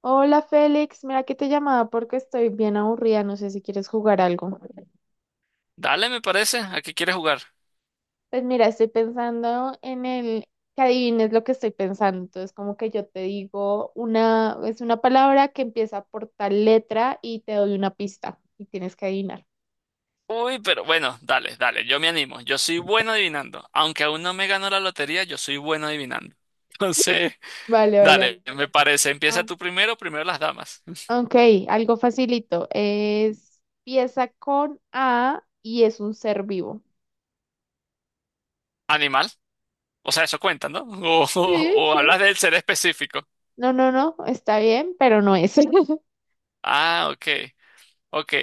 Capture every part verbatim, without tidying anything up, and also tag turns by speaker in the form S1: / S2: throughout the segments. S1: Hola Félix, mira que te llamaba porque estoy bien aburrida, no sé si quieres jugar algo.
S2: Dale, me parece. ¿A qué quieres jugar?
S1: Pues mira, estoy pensando en el que adivines lo que estoy pensando. Entonces, como que yo te digo una, es una palabra que empieza por tal letra y te doy una pista y tienes que adivinar.
S2: Uy, pero bueno, dale, dale, yo me animo. Yo soy bueno adivinando. Aunque aún no me gano la lotería, yo soy bueno adivinando. Entonces,
S1: Vale, vale, vale.
S2: dale, me parece.
S1: Ah,
S2: Empieza tú primero, primero las damas.
S1: ok, algo facilito. Es pieza con A y es un ser vivo.
S2: Animal. O sea, eso cuenta, ¿no? O,
S1: Sí,
S2: o- o
S1: sí.
S2: hablas del ser específico.
S1: No, no, no, está bien, pero no es.
S2: Ah, ok, ok.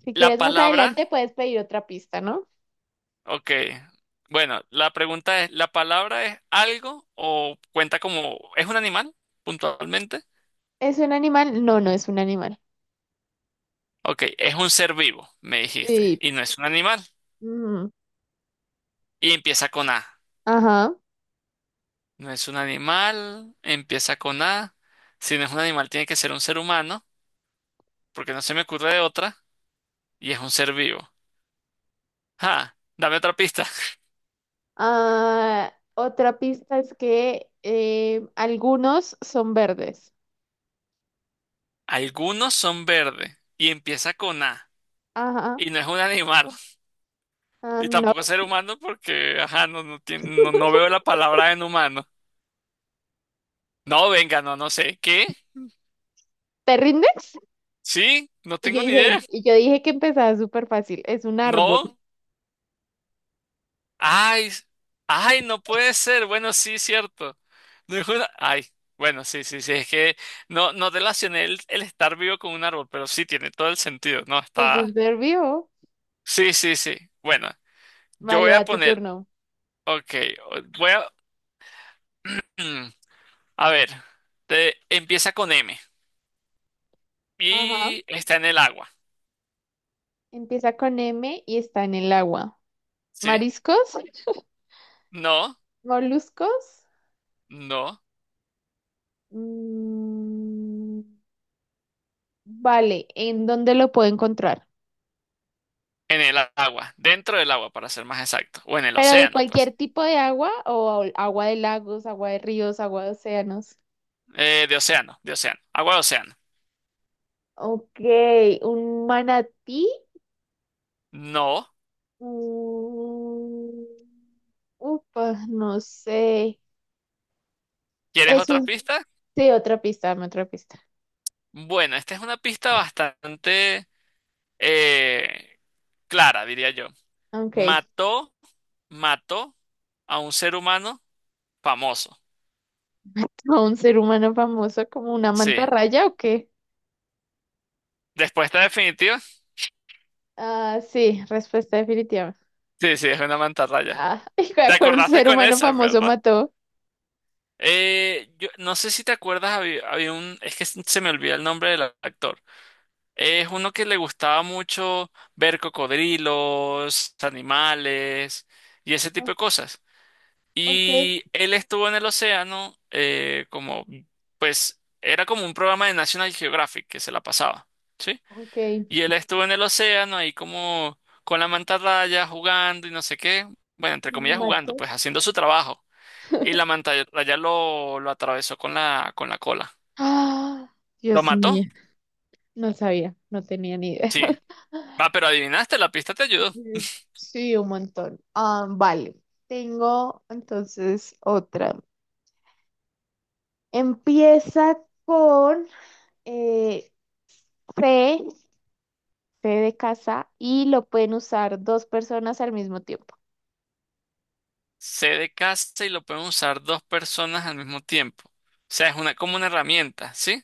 S1: Si
S2: La
S1: quieres más
S2: palabra,
S1: adelante puedes pedir otra pista, ¿no?
S2: ok. Bueno, la pregunta es, ¿la palabra es algo o cuenta como, es un animal puntualmente?
S1: ¿Es un animal? No, no es un animal.
S2: Ok, es un ser vivo, me dijiste,
S1: Sí.
S2: y no es un animal.
S1: Mm,
S2: Y empieza con A.
S1: ajá.
S2: No es un animal, empieza con A. Si no es un animal, tiene que ser un ser humano, porque no se me ocurre de otra, y es un ser vivo. Ah, dame otra pista.
S1: Ah, otra pista es que eh, algunos son verdes.
S2: Algunos son verdes, y empieza con A,
S1: Ajá.
S2: y no es un animal,
S1: Ah,
S2: y
S1: no.
S2: tampoco es ser humano, porque, ajá, no, no, tiene- no, no veo la palabra en humano. No, venga, no, no sé. ¿Qué?
S1: ¿Te rindes?
S2: ¿Sí? No
S1: Y yo
S2: tengo ni idea.
S1: dije, y yo dije que empezaba súper fácil. Es un árbol.
S2: No. Ay, s- ay, no puede ser. Bueno, sí, cierto. No es una... Ay, bueno, sí, sí, sí. Es que no, no relacioné el, el estar vivo con un árbol, pero sí tiene todo el sentido. No
S1: Es un
S2: está.
S1: ser vivo.
S2: Sí, sí, sí. Bueno, yo voy
S1: Vale,
S2: a
S1: va tu
S2: poner.
S1: turno.
S2: Ok, o- voy a. A ver, te- empieza con M
S1: Ajá.
S2: y está en el agua,
S1: Empieza con M y está en el agua.
S2: ¿sí?
S1: ¿Mariscos?
S2: No,
S1: ¿Moluscos?
S2: no,
S1: Mm, vale, ¿en dónde lo puedo encontrar?
S2: en el agua, dentro del agua, para ser más exacto, o en el
S1: Pero de
S2: océano,
S1: cualquier
S2: pues.
S1: tipo de agua o agua de lagos, agua de ríos, agua de océanos.
S2: Eh, de océano, de océano, agua de océano.
S1: Ok, un manatí.
S2: No.
S1: Mm, upa, no sé.
S2: ¿Quieres
S1: Eso,
S2: otra pista?
S1: sí, otra pista, dame otra pista.
S2: Bueno, esta es una pista bastante eh, clara, diría yo.
S1: Ok,
S2: Mató, mató a un ser humano famoso.
S1: ¿a un ser humano famoso como una
S2: Sí.
S1: mantarraya o qué?
S2: Respuesta definitiva.
S1: Ah, sí, respuesta definitiva.
S2: Sí, sí, es una mantarraya.
S1: Ah,
S2: ¿Te
S1: ¿cuál
S2: acordaste
S1: ser
S2: con
S1: humano
S2: esa,
S1: famoso
S2: verdad?
S1: mató?
S2: Eh, yo no sé si te acuerdas, había, había un, es que se me olvida el nombre del actor. Es uno que le gustaba mucho ver cocodrilos, animales y ese
S1: Ah,
S2: tipo de cosas.
S1: ok,
S2: Y él estuvo en el océano, eh, como, pues, era como un programa de National Geographic que se la pasaba, ¿sí?
S1: ok.
S2: Y él estuvo en el océano ahí como con la mantarraya jugando y no sé qué, bueno, entre
S1: ¿La
S2: comillas jugando,
S1: mató?
S2: pues haciendo su trabajo. Y la mantarraya lo, lo atravesó con la, con la cola.
S1: Ah,
S2: ¿Lo
S1: Dios mío,
S2: mató?
S1: no sabía, no tenía ni idea.
S2: Sí. Ah, pero adivinaste, la pista te ayudó.
S1: Sí. Sí, un montón. Ah, vale, tengo entonces otra. Empieza con eh, fe, fe de casa, y lo pueden usar dos personas al mismo tiempo.
S2: Se de casa y lo pueden usar dos personas al mismo tiempo. O sea, es una, como una herramienta, ¿sí?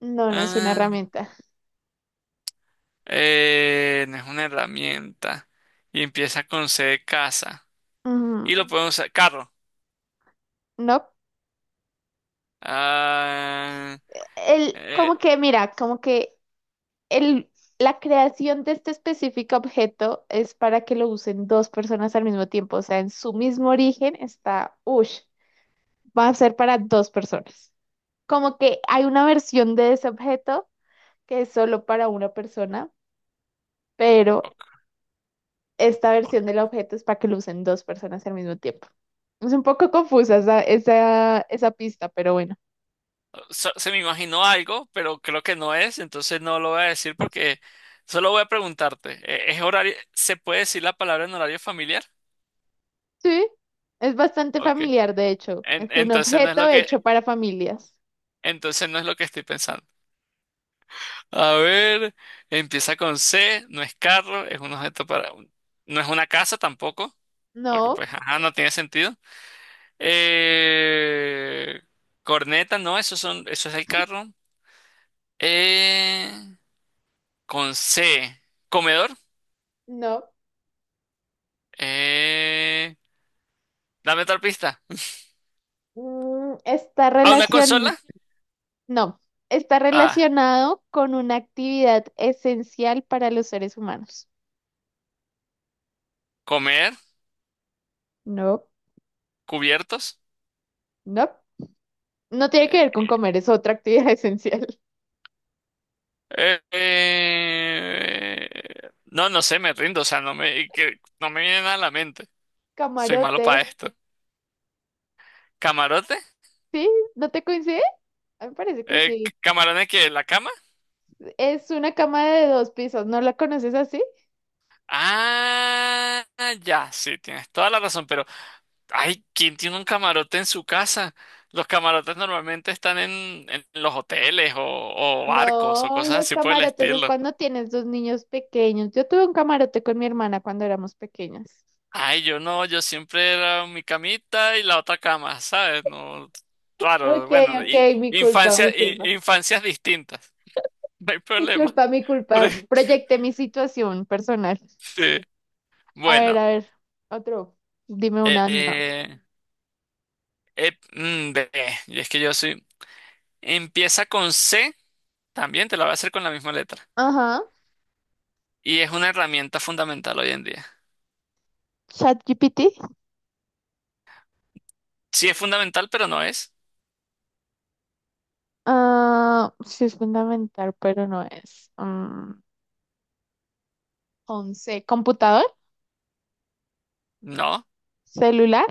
S1: No, no es una
S2: Ah.
S1: herramienta.
S2: Eh, no es una herramienta. Y empieza con C de casa.
S1: Ujú.
S2: Y lo podemos usar. Carro.
S1: No,
S2: Ah,
S1: el,
S2: eh,
S1: como que, mira, como que El, la creación de este específico objeto es para que lo usen dos personas al mismo tiempo, o sea, en su mismo origen está, ush, va a ser para dos personas. Como que hay una versión de ese objeto que es solo para una persona, pero
S2: ok,
S1: esta versión del
S2: ok.
S1: objeto es para que lo usen dos personas al mismo tiempo. Es un poco confusa esa, esa, esa pista, pero bueno.
S2: So- se me imaginó algo, pero creo que no es, entonces no lo voy a decir porque solo voy a preguntarte. Eh, ¿Es horario? ¿Se puede decir la palabra en horario familiar?
S1: Sí, es bastante
S2: Ok.
S1: familiar, de hecho.
S2: En-
S1: Es un
S2: entonces no es
S1: objeto
S2: lo
S1: hecho
S2: que,
S1: para familias.
S2: entonces no es lo que estoy pensando. A ver, empieza con C, no es carro, es un objeto para... No es una casa tampoco, porque
S1: No,
S2: pues, ajá, no tiene sentido. Eh, corneta, no, eso son, eso es el carro. Eh, con C, comedor.
S1: no.
S2: Eh, dame otra pista.
S1: Mm, está
S2: ¿A una
S1: relacion...
S2: consola?
S1: no, está
S2: Ah,
S1: relacionado con una actividad esencial para los seres humanos.
S2: comer,
S1: No,
S2: cubiertos.
S1: no. No tiene que ver con comer, es otra actividad esencial.
S2: Eh, eh, no, no sé, me rindo, o sea, no me, que- no me viene nada a la mente. Soy malo
S1: Camarote.
S2: para esto. ¿Camarote?
S1: ¿Sí? ¿No te coincide? A mí me parece que
S2: Eh, c-
S1: sí.
S2: ¿camarones que ¿la cama?
S1: Es una cama de dos pisos, ¿no la conoces así?
S2: Ah, ya, sí, tienes toda la razón, pero, ay, ¿quién tiene un camarote en su casa? Los camarotes normalmente están en, en los hoteles o, o barcos o
S1: No,
S2: cosas
S1: los
S2: así por el
S1: camarotes es
S2: estilo.
S1: cuando tienes dos niños pequeños. Yo tuve un camarote con mi hermana cuando éramos pequeñas.
S2: Ay, yo no, yo siempre era mi camita y la otra cama, ¿sabes? No, raro,
S1: Ok,
S2: bueno,
S1: ok,
S2: y,
S1: mi culpa,
S2: infancia,
S1: mi culpa.
S2: i- infancias distintas, no hay problema.
S1: Disculpa, mi culpa. Proyecté mi situación personal.
S2: Sí,
S1: A ver,
S2: bueno,
S1: a ver, otro. Dime
S2: eh,
S1: una. No.
S2: eh, eh, mm, ve, y es que yo soy... Empieza con C, también te la voy a hacer con la misma letra.
S1: Ajá.
S2: Y es una herramienta fundamental hoy en día.
S1: ChatGPT.
S2: Sí es fundamental, pero no es.
S1: Ah, sí es fundamental, pero no es. Mm, once. ¿Computador?
S2: No,
S1: ¿Celular?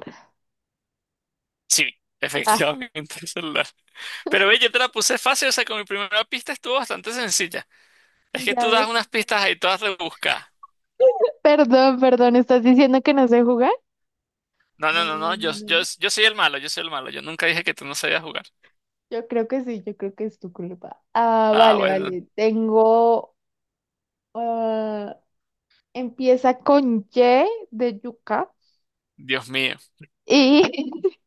S2: sí,
S1: Ah,
S2: efectivamente el celular. Pero ve, yo te la puse fácil, o sea, con mi primera pista estuvo bastante sencilla. Es que
S1: ya
S2: tú das
S1: ves.
S2: unas pistas ahí todas rebuscadas.
S1: Perdón, perdón, ¿estás diciendo que no sé jugar?
S2: No,
S1: No,
S2: no, no,
S1: no,
S2: no,
S1: no,
S2: yo,
S1: no,
S2: yo,
S1: no.
S2: yo soy el malo, yo soy el malo. Yo nunca dije que tú no sabías jugar.
S1: Yo creo que sí, yo creo que es tu culpa. Ah,
S2: Ah,
S1: vale,
S2: bueno,
S1: vale. Tengo. Ah, empieza con Y de yuca.
S2: Dios mío.
S1: Y.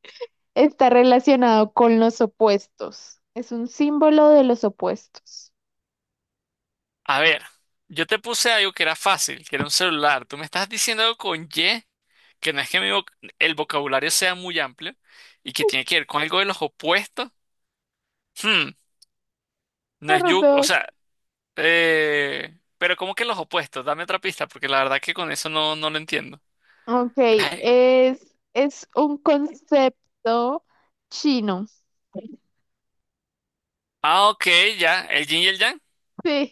S1: Está relacionado con los opuestos. Es un símbolo de los opuestos.
S2: A ver, yo te puse algo que era fácil, que era un celular. Tú me estás diciendo algo con Y, que no es que mi voc- el vocabulario sea muy amplio y que tiene que ver con algo de los opuestos. Hmm, no es yugo, o
S1: Perdón.
S2: sea, eh, pero ¿cómo que los opuestos? Dame otra pista, porque la verdad que con eso no, no lo entiendo.
S1: Ok,
S2: Ay,
S1: es, es un concepto chino.
S2: ah, ok, ya, el yin y el yang.
S1: Sí,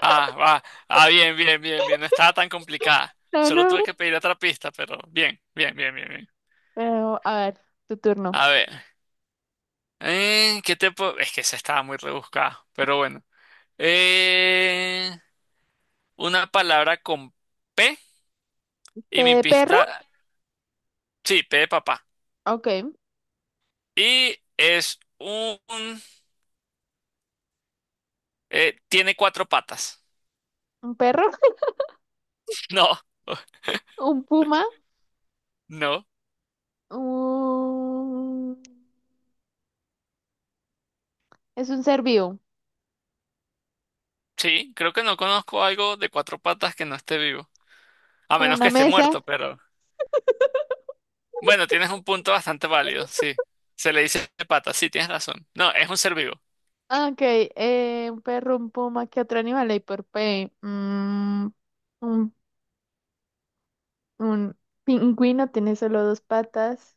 S2: Ah, va, ah, bien, bien, bien, bien, no estaba tan complicada.
S1: no,
S2: Solo tuve
S1: no.
S2: que pedir otra pista, pero bien, bien, bien, bien, bien.
S1: Pero, a ver, tu turno.
S2: A ver, eh, ¿qué te puedo...? Es que esa estaba muy rebuscada, pero bueno. Eh, una palabra con P
S1: ¿P
S2: y mi
S1: de perro?
S2: pista, sí, P de papá.
S1: Ok,
S2: Y es un, eh, tiene cuatro patas.
S1: un perro,
S2: No,
S1: un puma,
S2: no,
S1: un... es un ser vivo,
S2: sí, creo que no conozco algo de cuatro patas que no esté vivo. A
S1: como
S2: menos que
S1: una
S2: esté
S1: mesa.
S2: muerto, pero bueno, tienes un punto bastante válido, sí. Se le dice patas, sí, tienes razón. No, es un ser vivo,
S1: Ok, eh, un perro, un puma, ¿qué otro animal hay por P? Mm, Un Un pingüino tiene solo dos patas.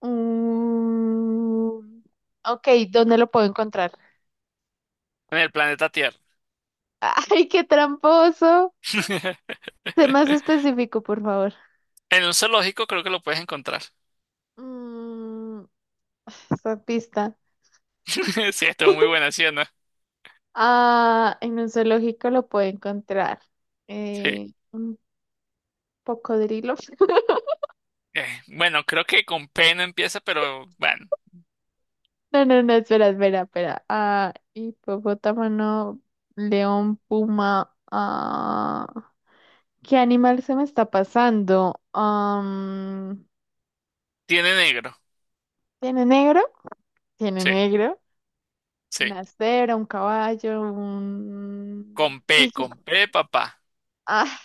S1: Un... Ok, ¿dónde lo puedo encontrar?
S2: en el planeta Tierra.
S1: ¡Ay, qué tramposo! Sé más específico, por favor.
S2: En un zoológico creo que lo puedes encontrar.
S1: Mm, esa pista.
S2: Sí, esto es muy buena, ¿sí o no?
S1: Ah, en un zoológico lo puedo encontrar.
S2: Sí.
S1: Eh, un cocodrilo.
S2: Eh, bueno, creo que con P no empieza, pero bueno,
S1: No, no, no, espera, espera, espera. Ah, hipopótamo, no, león, puma. Ah. ¿Qué animal se me está pasando? Am,
S2: tiene negro.
S1: ¿tiene negro? Tiene
S2: Sí,
S1: negro.
S2: sí.
S1: Una cebra, un caballo,
S2: Con
S1: un
S2: P,
S1: tigre.
S2: con P, papá.
S1: Ah,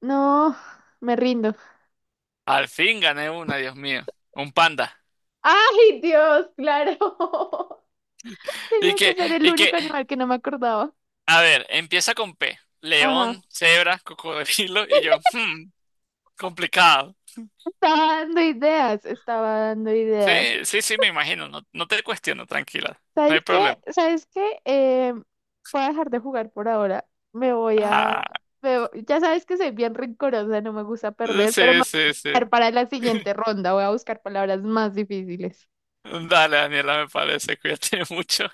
S1: no, me rindo.
S2: Al fin gané una, Dios mío. Un panda.
S1: ¡Ay, Dios! Claro.
S2: Y
S1: Tenía que
S2: que,
S1: ser el
S2: y que,
S1: único animal que no me acordaba.
S2: a ver, empieza con P.
S1: Ajá.
S2: León, cebra, cocodrilo. Y yo, hmm, complicado.
S1: Estaba dando ideas, estaba dando
S2: Sí,
S1: ideas.
S2: sí, sí, me imagino. No, no te cuestiono, tranquila. No hay
S1: ¿Sabes
S2: problema.
S1: qué? ¿Sabes qué? Eh, voy a dejar de jugar por ahora. Me voy a...
S2: Ah,
S1: me vo- ya sabes que soy bien rencorosa, no me gusta perder, pero me
S2: sí,
S1: voy
S2: sí,
S1: a
S2: sí.
S1: buscar para la siguiente ronda. Voy a buscar palabras más difíciles.
S2: Dale, Daniela, me parece. Cuídate mucho.